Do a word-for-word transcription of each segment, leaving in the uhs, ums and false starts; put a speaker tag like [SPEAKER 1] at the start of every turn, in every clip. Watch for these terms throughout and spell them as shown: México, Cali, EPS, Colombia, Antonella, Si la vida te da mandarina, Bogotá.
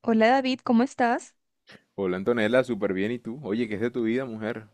[SPEAKER 1] Hola David, ¿cómo estás?
[SPEAKER 2] Hola Antonella, súper bien. ¿Y tú? Oye, ¿qué es de tu vida, mujer?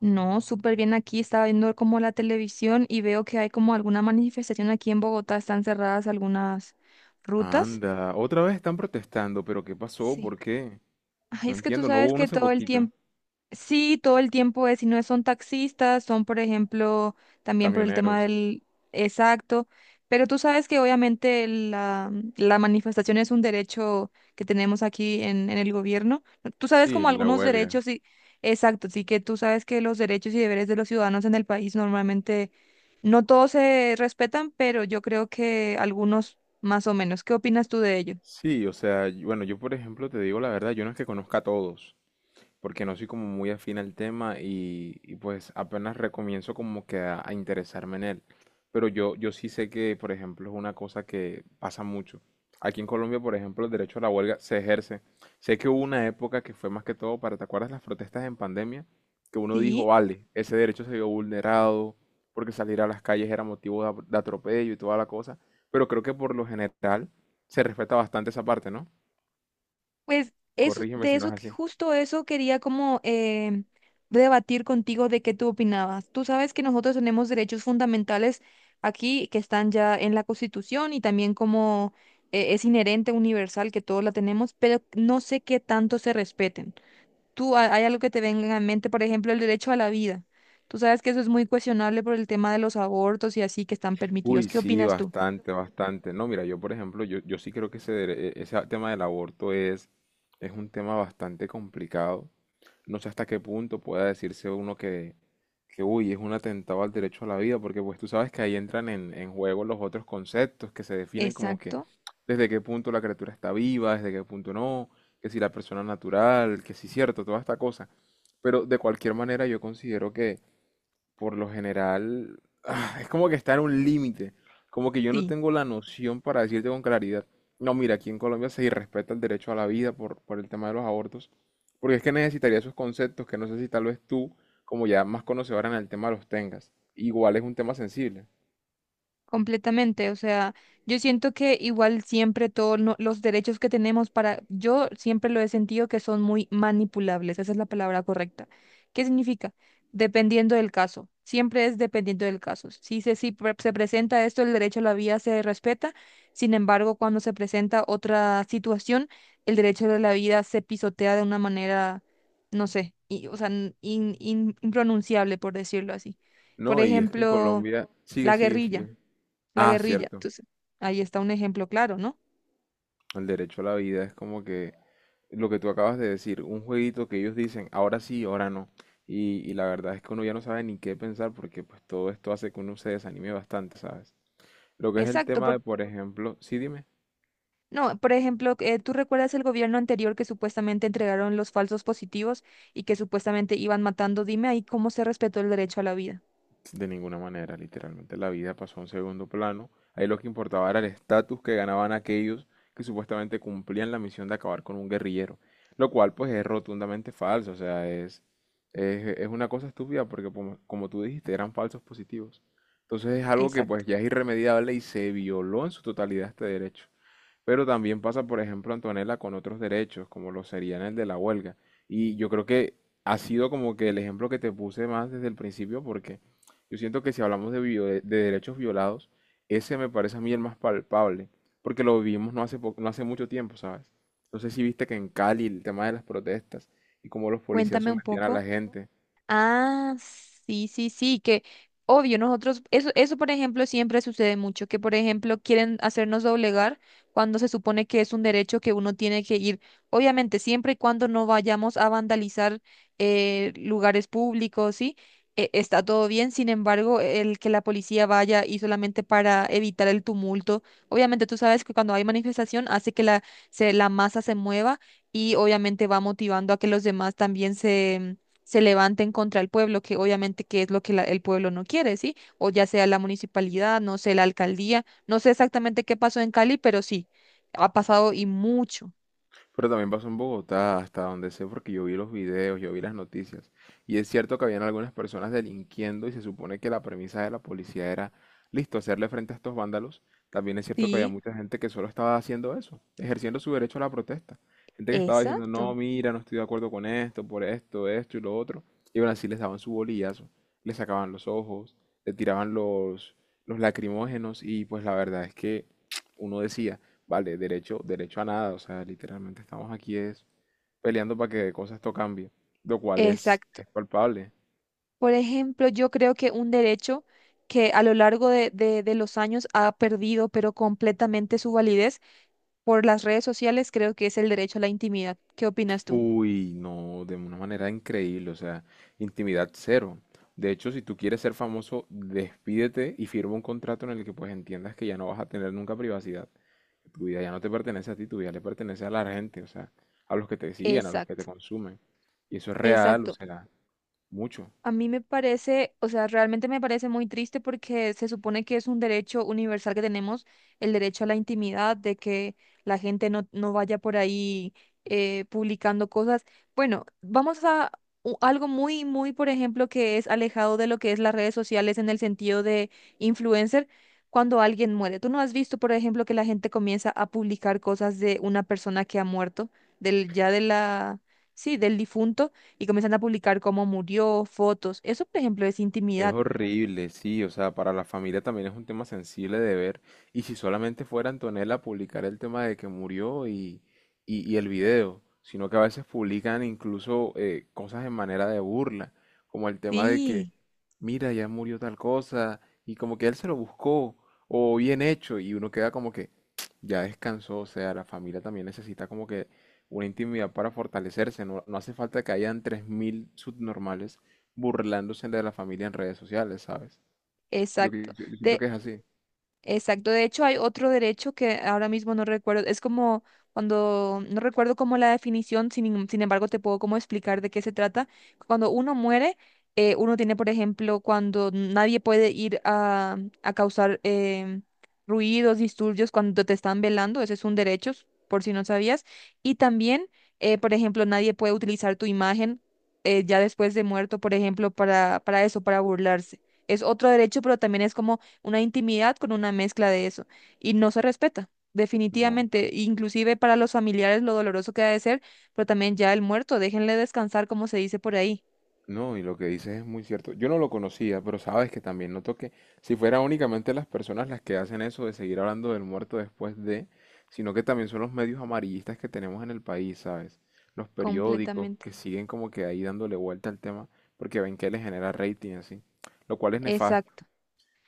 [SPEAKER 1] No, súper bien aquí. Estaba viendo como la televisión y veo que hay como alguna manifestación aquí en Bogotá. Están cerradas algunas rutas.
[SPEAKER 2] Anda, otra vez están protestando, pero ¿qué pasó?
[SPEAKER 1] Sí.
[SPEAKER 2] ¿Por qué?
[SPEAKER 1] Ay,
[SPEAKER 2] No
[SPEAKER 1] es que tú
[SPEAKER 2] entiendo, no hubo
[SPEAKER 1] sabes
[SPEAKER 2] uno
[SPEAKER 1] que
[SPEAKER 2] hace
[SPEAKER 1] todo el
[SPEAKER 2] poquito.
[SPEAKER 1] tiempo... Sí, todo el tiempo es, y no son taxistas, son, por ejemplo, también por el tema
[SPEAKER 2] Camioneros.
[SPEAKER 1] del exacto, pero tú sabes que obviamente la, la manifestación es un derecho que tenemos aquí en, en el gobierno. Tú sabes
[SPEAKER 2] Sí,
[SPEAKER 1] como
[SPEAKER 2] la
[SPEAKER 1] algunos
[SPEAKER 2] huelga.
[SPEAKER 1] derechos y exacto, sí, que tú sabes que los derechos y deberes de los ciudadanos en el país normalmente no todos se respetan, pero yo creo que algunos más o menos. ¿Qué opinas tú de ello?
[SPEAKER 2] Sí, o sea, y- bueno, yo por ejemplo te digo la verdad, yo no es que conozca a todos. Porque no soy como muy afín al tema y, y, pues apenas recomienzo como que a, a interesarme en él. Pero yo, yo sí sé que, por ejemplo, es una cosa que pasa mucho. Aquí en Colombia, por ejemplo, el derecho a la huelga se ejerce. Sé que hubo una época que fue más que todo para, ¿te acuerdas las protestas en pandemia? Que uno dijo,
[SPEAKER 1] Sí.
[SPEAKER 2] vale, ese derecho se vio vulnerado porque salir a las calles era motivo de, de atropello y toda la cosa. Pero creo que por lo general se respeta bastante esa parte, ¿no?
[SPEAKER 1] Pues eso,
[SPEAKER 2] Corrígeme
[SPEAKER 1] de
[SPEAKER 2] si no
[SPEAKER 1] eso,
[SPEAKER 2] es
[SPEAKER 1] que-
[SPEAKER 2] así.
[SPEAKER 1] justo eso quería como eh, debatir contigo de qué tú opinabas. Tú sabes que nosotros tenemos derechos fundamentales aquí que están ya en la Constitución y también como eh, es inherente, universal, que todos la tenemos, pero no sé qué tanto se respeten. Tú, ha- ¿hay algo que te venga en mente? Por ejemplo, el derecho a la vida. Tú sabes que eso es muy cuestionable por el tema de los abortos y así que están permitidos.
[SPEAKER 2] Uy,
[SPEAKER 1] ¿Qué
[SPEAKER 2] sí,
[SPEAKER 1] opinas tú?
[SPEAKER 2] bastante, bastante. No, mira, yo por ejemplo, yo, yo sí creo que ese, dere- e- ese tema del aborto es, es un tema bastante complicado. No sé hasta qué punto pueda decirse uno que, que, uy, es un atentado al derecho a la vida, porque pues tú sabes que ahí entran en, en juego los otros conceptos que se definen como que
[SPEAKER 1] Exacto.
[SPEAKER 2] desde qué punto la criatura está viva, desde qué punto no, que si la persona es natural, que si cierto, toda esta cosa. Pero de cualquier manera yo considero por lo general, ah, es como que está en un límite. Como que yo no
[SPEAKER 1] Sí.
[SPEAKER 2] tengo la noción para decirte con claridad. No, mira, aquí en Colombia se irrespeta el derecho a la vida por, por el tema de los abortos. Porque es que necesitaría esos conceptos que no sé si tal vez tú, como ya más conocedora en el tema, los tengas. Igual es un tema sensible.
[SPEAKER 1] Completamente, o sea, yo siento que igual siempre todos los derechos que tenemos para, yo siempre lo he sentido que son muy manipulables, esa es la palabra correcta. ¿Qué significa? Dependiendo del caso, siempre es dependiendo del caso. Si se, si pre- Se presenta esto, el derecho a la vida se respeta, sin embargo, cuando se presenta otra situación, el derecho de la vida se pisotea de una manera, no sé, y, o sea, in- in- impronunciable, por decirlo así. Por
[SPEAKER 2] No, y es que en
[SPEAKER 1] ejemplo,
[SPEAKER 2] Colombia... Sigue,
[SPEAKER 1] la
[SPEAKER 2] sigue,
[SPEAKER 1] guerrilla
[SPEAKER 2] sigue.
[SPEAKER 1] la
[SPEAKER 2] Ah,
[SPEAKER 1] guerrilla.
[SPEAKER 2] cierto.
[SPEAKER 1] Entonces, ahí está un ejemplo claro, ¿no?
[SPEAKER 2] El derecho a la vida es como que lo que tú acabas de decir, un jueguito que ellos dicen, ahora sí, ahora no. Y, y la verdad es que uno ya no sabe ni qué pensar porque pues todo esto hace que uno se desanime bastante, ¿sabes? Lo que es el
[SPEAKER 1] Exacto,
[SPEAKER 2] tema
[SPEAKER 1] por-
[SPEAKER 2] de, por ejemplo, sí, dime.
[SPEAKER 1] no, por ejemplo, eh, ¿tú recuerdas el gobierno anterior que supuestamente entregaron los falsos positivos y que supuestamente iban matando? Dime ahí cómo se respetó el derecho a la vida.
[SPEAKER 2] De ninguna manera, literalmente la vida pasó a un segundo plano. Ahí lo que importaba era el estatus que ganaban aquellos que supuestamente cumplían la misión de acabar con un guerrillero, lo cual pues es rotundamente falso, o sea, es, es, es una cosa estúpida porque como, como tú dijiste, eran falsos positivos. Entonces es algo que
[SPEAKER 1] Exacto.
[SPEAKER 2] pues ya es irremediable y se violó en su totalidad este derecho. Pero también pasa, por ejemplo, Antonella, con otros derechos, como lo serían el de la huelga. Y yo creo que ha sido como que el ejemplo que te puse más desde el principio, porque yo siento que si hablamos de, vio- de derechos violados, ese me parece a mí el más palpable, porque lo vivimos no hace, po- no hace mucho tiempo, ¿sabes? No sé si viste que en Cali el tema de las protestas y cómo los policías
[SPEAKER 1] Cuéntame un
[SPEAKER 2] sometían a la
[SPEAKER 1] poco.
[SPEAKER 2] gente.
[SPEAKER 1] Ah, sí, sí, sí, que obvio, nosotros, eso, eso por ejemplo siempre sucede mucho, que por ejemplo quieren hacernos doblegar cuando se supone que es un derecho que uno tiene que ir, obviamente siempre y cuando no vayamos a vandalizar eh, lugares públicos, ¿sí? E- está todo bien, sin embargo, el que la policía vaya y solamente para evitar el tumulto, obviamente tú sabes que cuando hay manifestación hace que la, se, la masa se mueva y obviamente va motivando a que los demás también se levanten contra el pueblo, que obviamente que es lo que la- el pueblo no quiere, ¿sí? O ya sea la municipalidad, no sé, la alcaldía, no sé exactamente qué pasó en Cali, pero sí, ha pasado y mucho.
[SPEAKER 2] Pero también pasó en Bogotá, hasta donde sé, porque yo vi los videos, yo vi las noticias. Y es cierto que habían algunas personas delinquiendo y se supone que la premisa de la policía era, listo, hacerle frente a estos vándalos. También es cierto que había
[SPEAKER 1] Sí,
[SPEAKER 2] mucha gente que solo estaba haciendo eso, ejerciendo su derecho a la protesta. Gente que estaba diciendo,
[SPEAKER 1] exacto,
[SPEAKER 2] no, mira, no estoy de acuerdo con esto, por esto, esto y lo otro. Y aún así les daban su bolillazo, les sacaban los ojos, le tiraban los, los lacrimógenos y pues la verdad es que uno decía... Vale, derecho, derecho a nada, o sea, literalmente estamos aquí es peleando para que cosas esto cambie, lo cual es,
[SPEAKER 1] exacto.
[SPEAKER 2] es palpable.
[SPEAKER 1] Por ejemplo, yo creo que un derecho que a lo largo de, de, de los años ha perdido, pero completamente su validez por las redes sociales, creo que es el derecho a la intimidad. ¿Qué opinas tú?
[SPEAKER 2] Uy, no, de una manera increíble, o sea, intimidad cero. De hecho, si tú quieres ser famoso, despídete y firma un contrato en el que pues entiendas que ya no vas a tener nunca privacidad. Tu vida ya no te pertenece a ti, tu vida le pertenece a la gente, o sea, a los que te siguen, a los que
[SPEAKER 1] Exacto,
[SPEAKER 2] te consumen. Y eso es real, o
[SPEAKER 1] exacto.
[SPEAKER 2] sea, mucho.
[SPEAKER 1] A mí me parece, o sea, realmente me parece muy triste porque se supone que es un derecho universal que tenemos, el derecho a la intimidad, de que la gente no, no vaya por ahí eh, publicando cosas. Bueno, vamos a u- algo muy, muy, por ejemplo, que es alejado de lo que es las redes sociales en el sentido de influencer, cuando alguien muere. ¿Tú no has visto, por ejemplo, que la gente comienza a publicar cosas de una persona que ha muerto, del, ya de la, sí, del difunto? Y comienzan a publicar cómo murió, fotos. Eso, por ejemplo, es
[SPEAKER 2] Es
[SPEAKER 1] intimidad.
[SPEAKER 2] horrible, sí, o sea, para la familia también es un tema sensible de ver. Y si solamente fuera Antonella a publicar el tema de que murió y, y, y el video, sino que a veces publican incluso eh, cosas en manera de burla, como el tema de que,
[SPEAKER 1] Sí,
[SPEAKER 2] mira, ya murió tal cosa, y como que él se lo buscó, o bien hecho, y uno queda como que ya descansó, o sea, la familia también necesita como que una intimidad para fortalecerse, no, no hace falta que hayan tres mil subnormales burlándose de la familia en redes sociales, ¿sabes? Yo, que-
[SPEAKER 1] exacto.
[SPEAKER 2] yo- yo siento
[SPEAKER 1] De
[SPEAKER 2] que es así.
[SPEAKER 1] Exacto, de hecho hay otro derecho que ahora mismo no recuerdo, es como cuando, no recuerdo como la definición, sin, em- sin embargo te puedo como explicar de qué se trata. Cuando uno muere, eh, uno tiene, por ejemplo, cuando nadie puede ir a, a causar em, ruidos, disturbios cuando te están velando, ese es un derecho, por si no sabías. Y también, eh, por ejemplo, nadie puede utilizar tu imagen eh, ya después de muerto, por ejemplo, para, para eso, para burlarse. Es otro derecho, pero también es como una intimidad con una mezcla de eso y no se respeta.
[SPEAKER 2] No,
[SPEAKER 1] Definitivamente, inclusive para los familiares lo doloroso que ha de ser, pero también ya el muerto, déjenle descansar como se dice por ahí.
[SPEAKER 2] no, y lo que dices es muy cierto. Yo no lo conocía, pero sabes que también noto que si fuera únicamente las personas las que hacen eso de seguir hablando del muerto después de, sino que también son los medios amarillistas que tenemos en el país, ¿sabes? Los periódicos
[SPEAKER 1] Completamente.
[SPEAKER 2] que siguen como que ahí dándole vuelta al tema porque ven que les genera rating y así, lo cual es nefasto,
[SPEAKER 1] Exacto.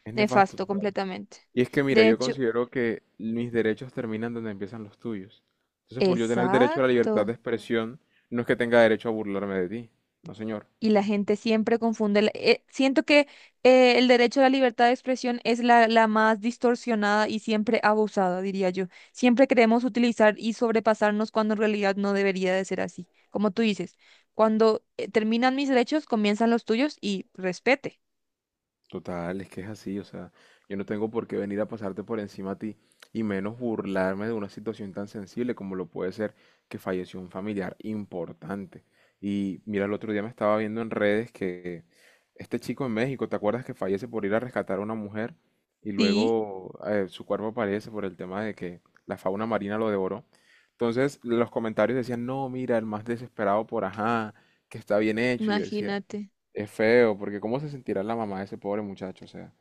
[SPEAKER 2] es nefasto.
[SPEAKER 1] Nefasto, completamente.
[SPEAKER 2] Y es que mira,
[SPEAKER 1] De
[SPEAKER 2] yo
[SPEAKER 1] hecho,
[SPEAKER 2] considero que mis derechos terminan donde empiezan los tuyos. Entonces, por yo tener derecho a la libertad
[SPEAKER 1] exacto.
[SPEAKER 2] de expresión, no es que tenga derecho a burlarme de ti. No, señor.
[SPEAKER 1] Y la gente siempre confunde. La- eh, siento que eh, el derecho a la libertad de expresión es la, la más distorsionada y siempre abusada, diría yo. Siempre queremos utilizar y sobrepasarnos cuando en realidad no debería de ser así. Como tú dices, cuando eh, terminan mis derechos, comienzan los tuyos y respete.
[SPEAKER 2] Total, es que es así, o sea, yo no tengo por qué venir a pasarte por encima a ti y menos burlarme de una situación tan sensible como lo puede ser que falleció un familiar importante. Y mira, el otro día me estaba viendo en redes que este chico en México, ¿te acuerdas que fallece por ir a rescatar a una mujer y
[SPEAKER 1] Sí,
[SPEAKER 2] luego eh, su cuerpo aparece por el tema de que la fauna marina lo devoró? Entonces los comentarios decían, no, mira, el más desesperado por ajá, que está bien hecho. Y yo decía,
[SPEAKER 1] imagínate.
[SPEAKER 2] es feo, porque ¿cómo se sentirá la mamá de ese pobre muchacho? O sea,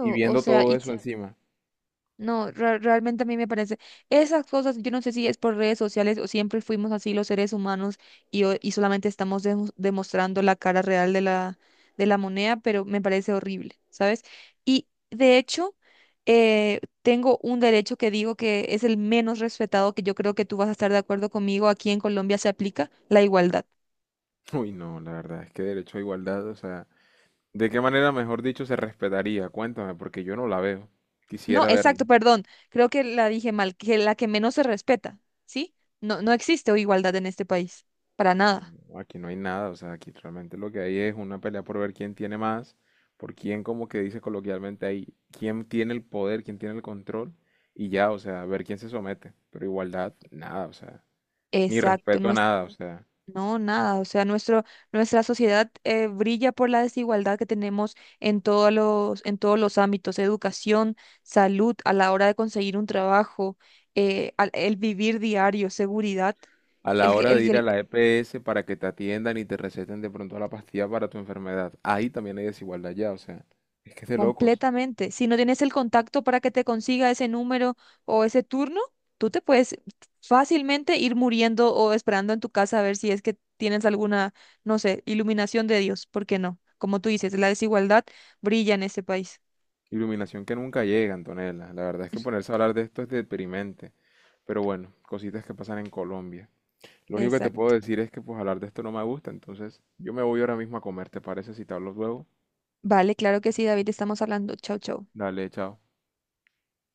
[SPEAKER 2] y
[SPEAKER 1] o
[SPEAKER 2] viendo
[SPEAKER 1] sea,
[SPEAKER 2] todo
[SPEAKER 1] y,
[SPEAKER 2] eso encima.
[SPEAKER 1] No, re- realmente a mí me parece, esas cosas, yo no sé si es por redes sociales o siempre fuimos así los seres humanos y, o- y solamente estamos demo- demostrando la cara real de la, de la moneda, pero me parece horrible, ¿sabes? Y de hecho, eh, tengo un derecho que digo que es el menos respetado, que yo creo que tú vas a estar de acuerdo conmigo, aquí en Colombia se aplica la igualdad.
[SPEAKER 2] Uy, no, la verdad es que derecho a igualdad, o sea, ¿de qué manera, mejor dicho, se respetaría? Cuéntame, porque yo no la veo.
[SPEAKER 1] No,
[SPEAKER 2] Quisiera verla.
[SPEAKER 1] exacto, perdón, creo que la dije mal, que la que menos se respeta, ¿sí? No, no existe igualdad en este país, para nada.
[SPEAKER 2] No, aquí no hay nada, o sea, aquí realmente lo que hay es una pelea por ver quién tiene más, por quién, como que dice coloquialmente ahí, quién tiene el poder, quién tiene el control, y ya, o sea, ver quién se somete. Pero igualdad, nada, o sea, ni
[SPEAKER 1] Exacto,
[SPEAKER 2] respeto
[SPEAKER 1] no
[SPEAKER 2] a
[SPEAKER 1] es,
[SPEAKER 2] nada, o sea.
[SPEAKER 1] no, nada, o sea, nuestro, nuestra sociedad eh, brilla por la desigualdad que tenemos en todos los, en todos los ámbitos, educación, salud, a la hora de conseguir un trabajo, eh, al- el vivir diario, seguridad,
[SPEAKER 2] A la
[SPEAKER 1] el que,
[SPEAKER 2] hora
[SPEAKER 1] el,
[SPEAKER 2] de ir a
[SPEAKER 1] que-
[SPEAKER 2] la E P S para que te atiendan y te receten de pronto la pastilla para tu enfermedad. Ahí también hay desigualdad ya, o sea, es que es de locos.
[SPEAKER 1] Completamente. Si no tienes el contacto para que te consiga ese número o ese turno, tú te puedes fácilmente ir muriendo o esperando en tu casa a ver si es que tienes alguna, no sé, iluminación de Dios. ¿Por qué no? Como tú dices, la desigualdad brilla en este país.
[SPEAKER 2] Iluminación que nunca llega, Antonella. La verdad es que ponerse a hablar de esto es deprimente. Pero bueno, cositas que pasan en Colombia. Lo único que te puedo
[SPEAKER 1] Exacto.
[SPEAKER 2] decir es que pues hablar de esto no me gusta, entonces yo me voy ahora mismo a comer, ¿te parece si te hablo luego?
[SPEAKER 1] Vale, claro que sí, David, estamos hablando. Chau, chau.
[SPEAKER 2] Dale, chao.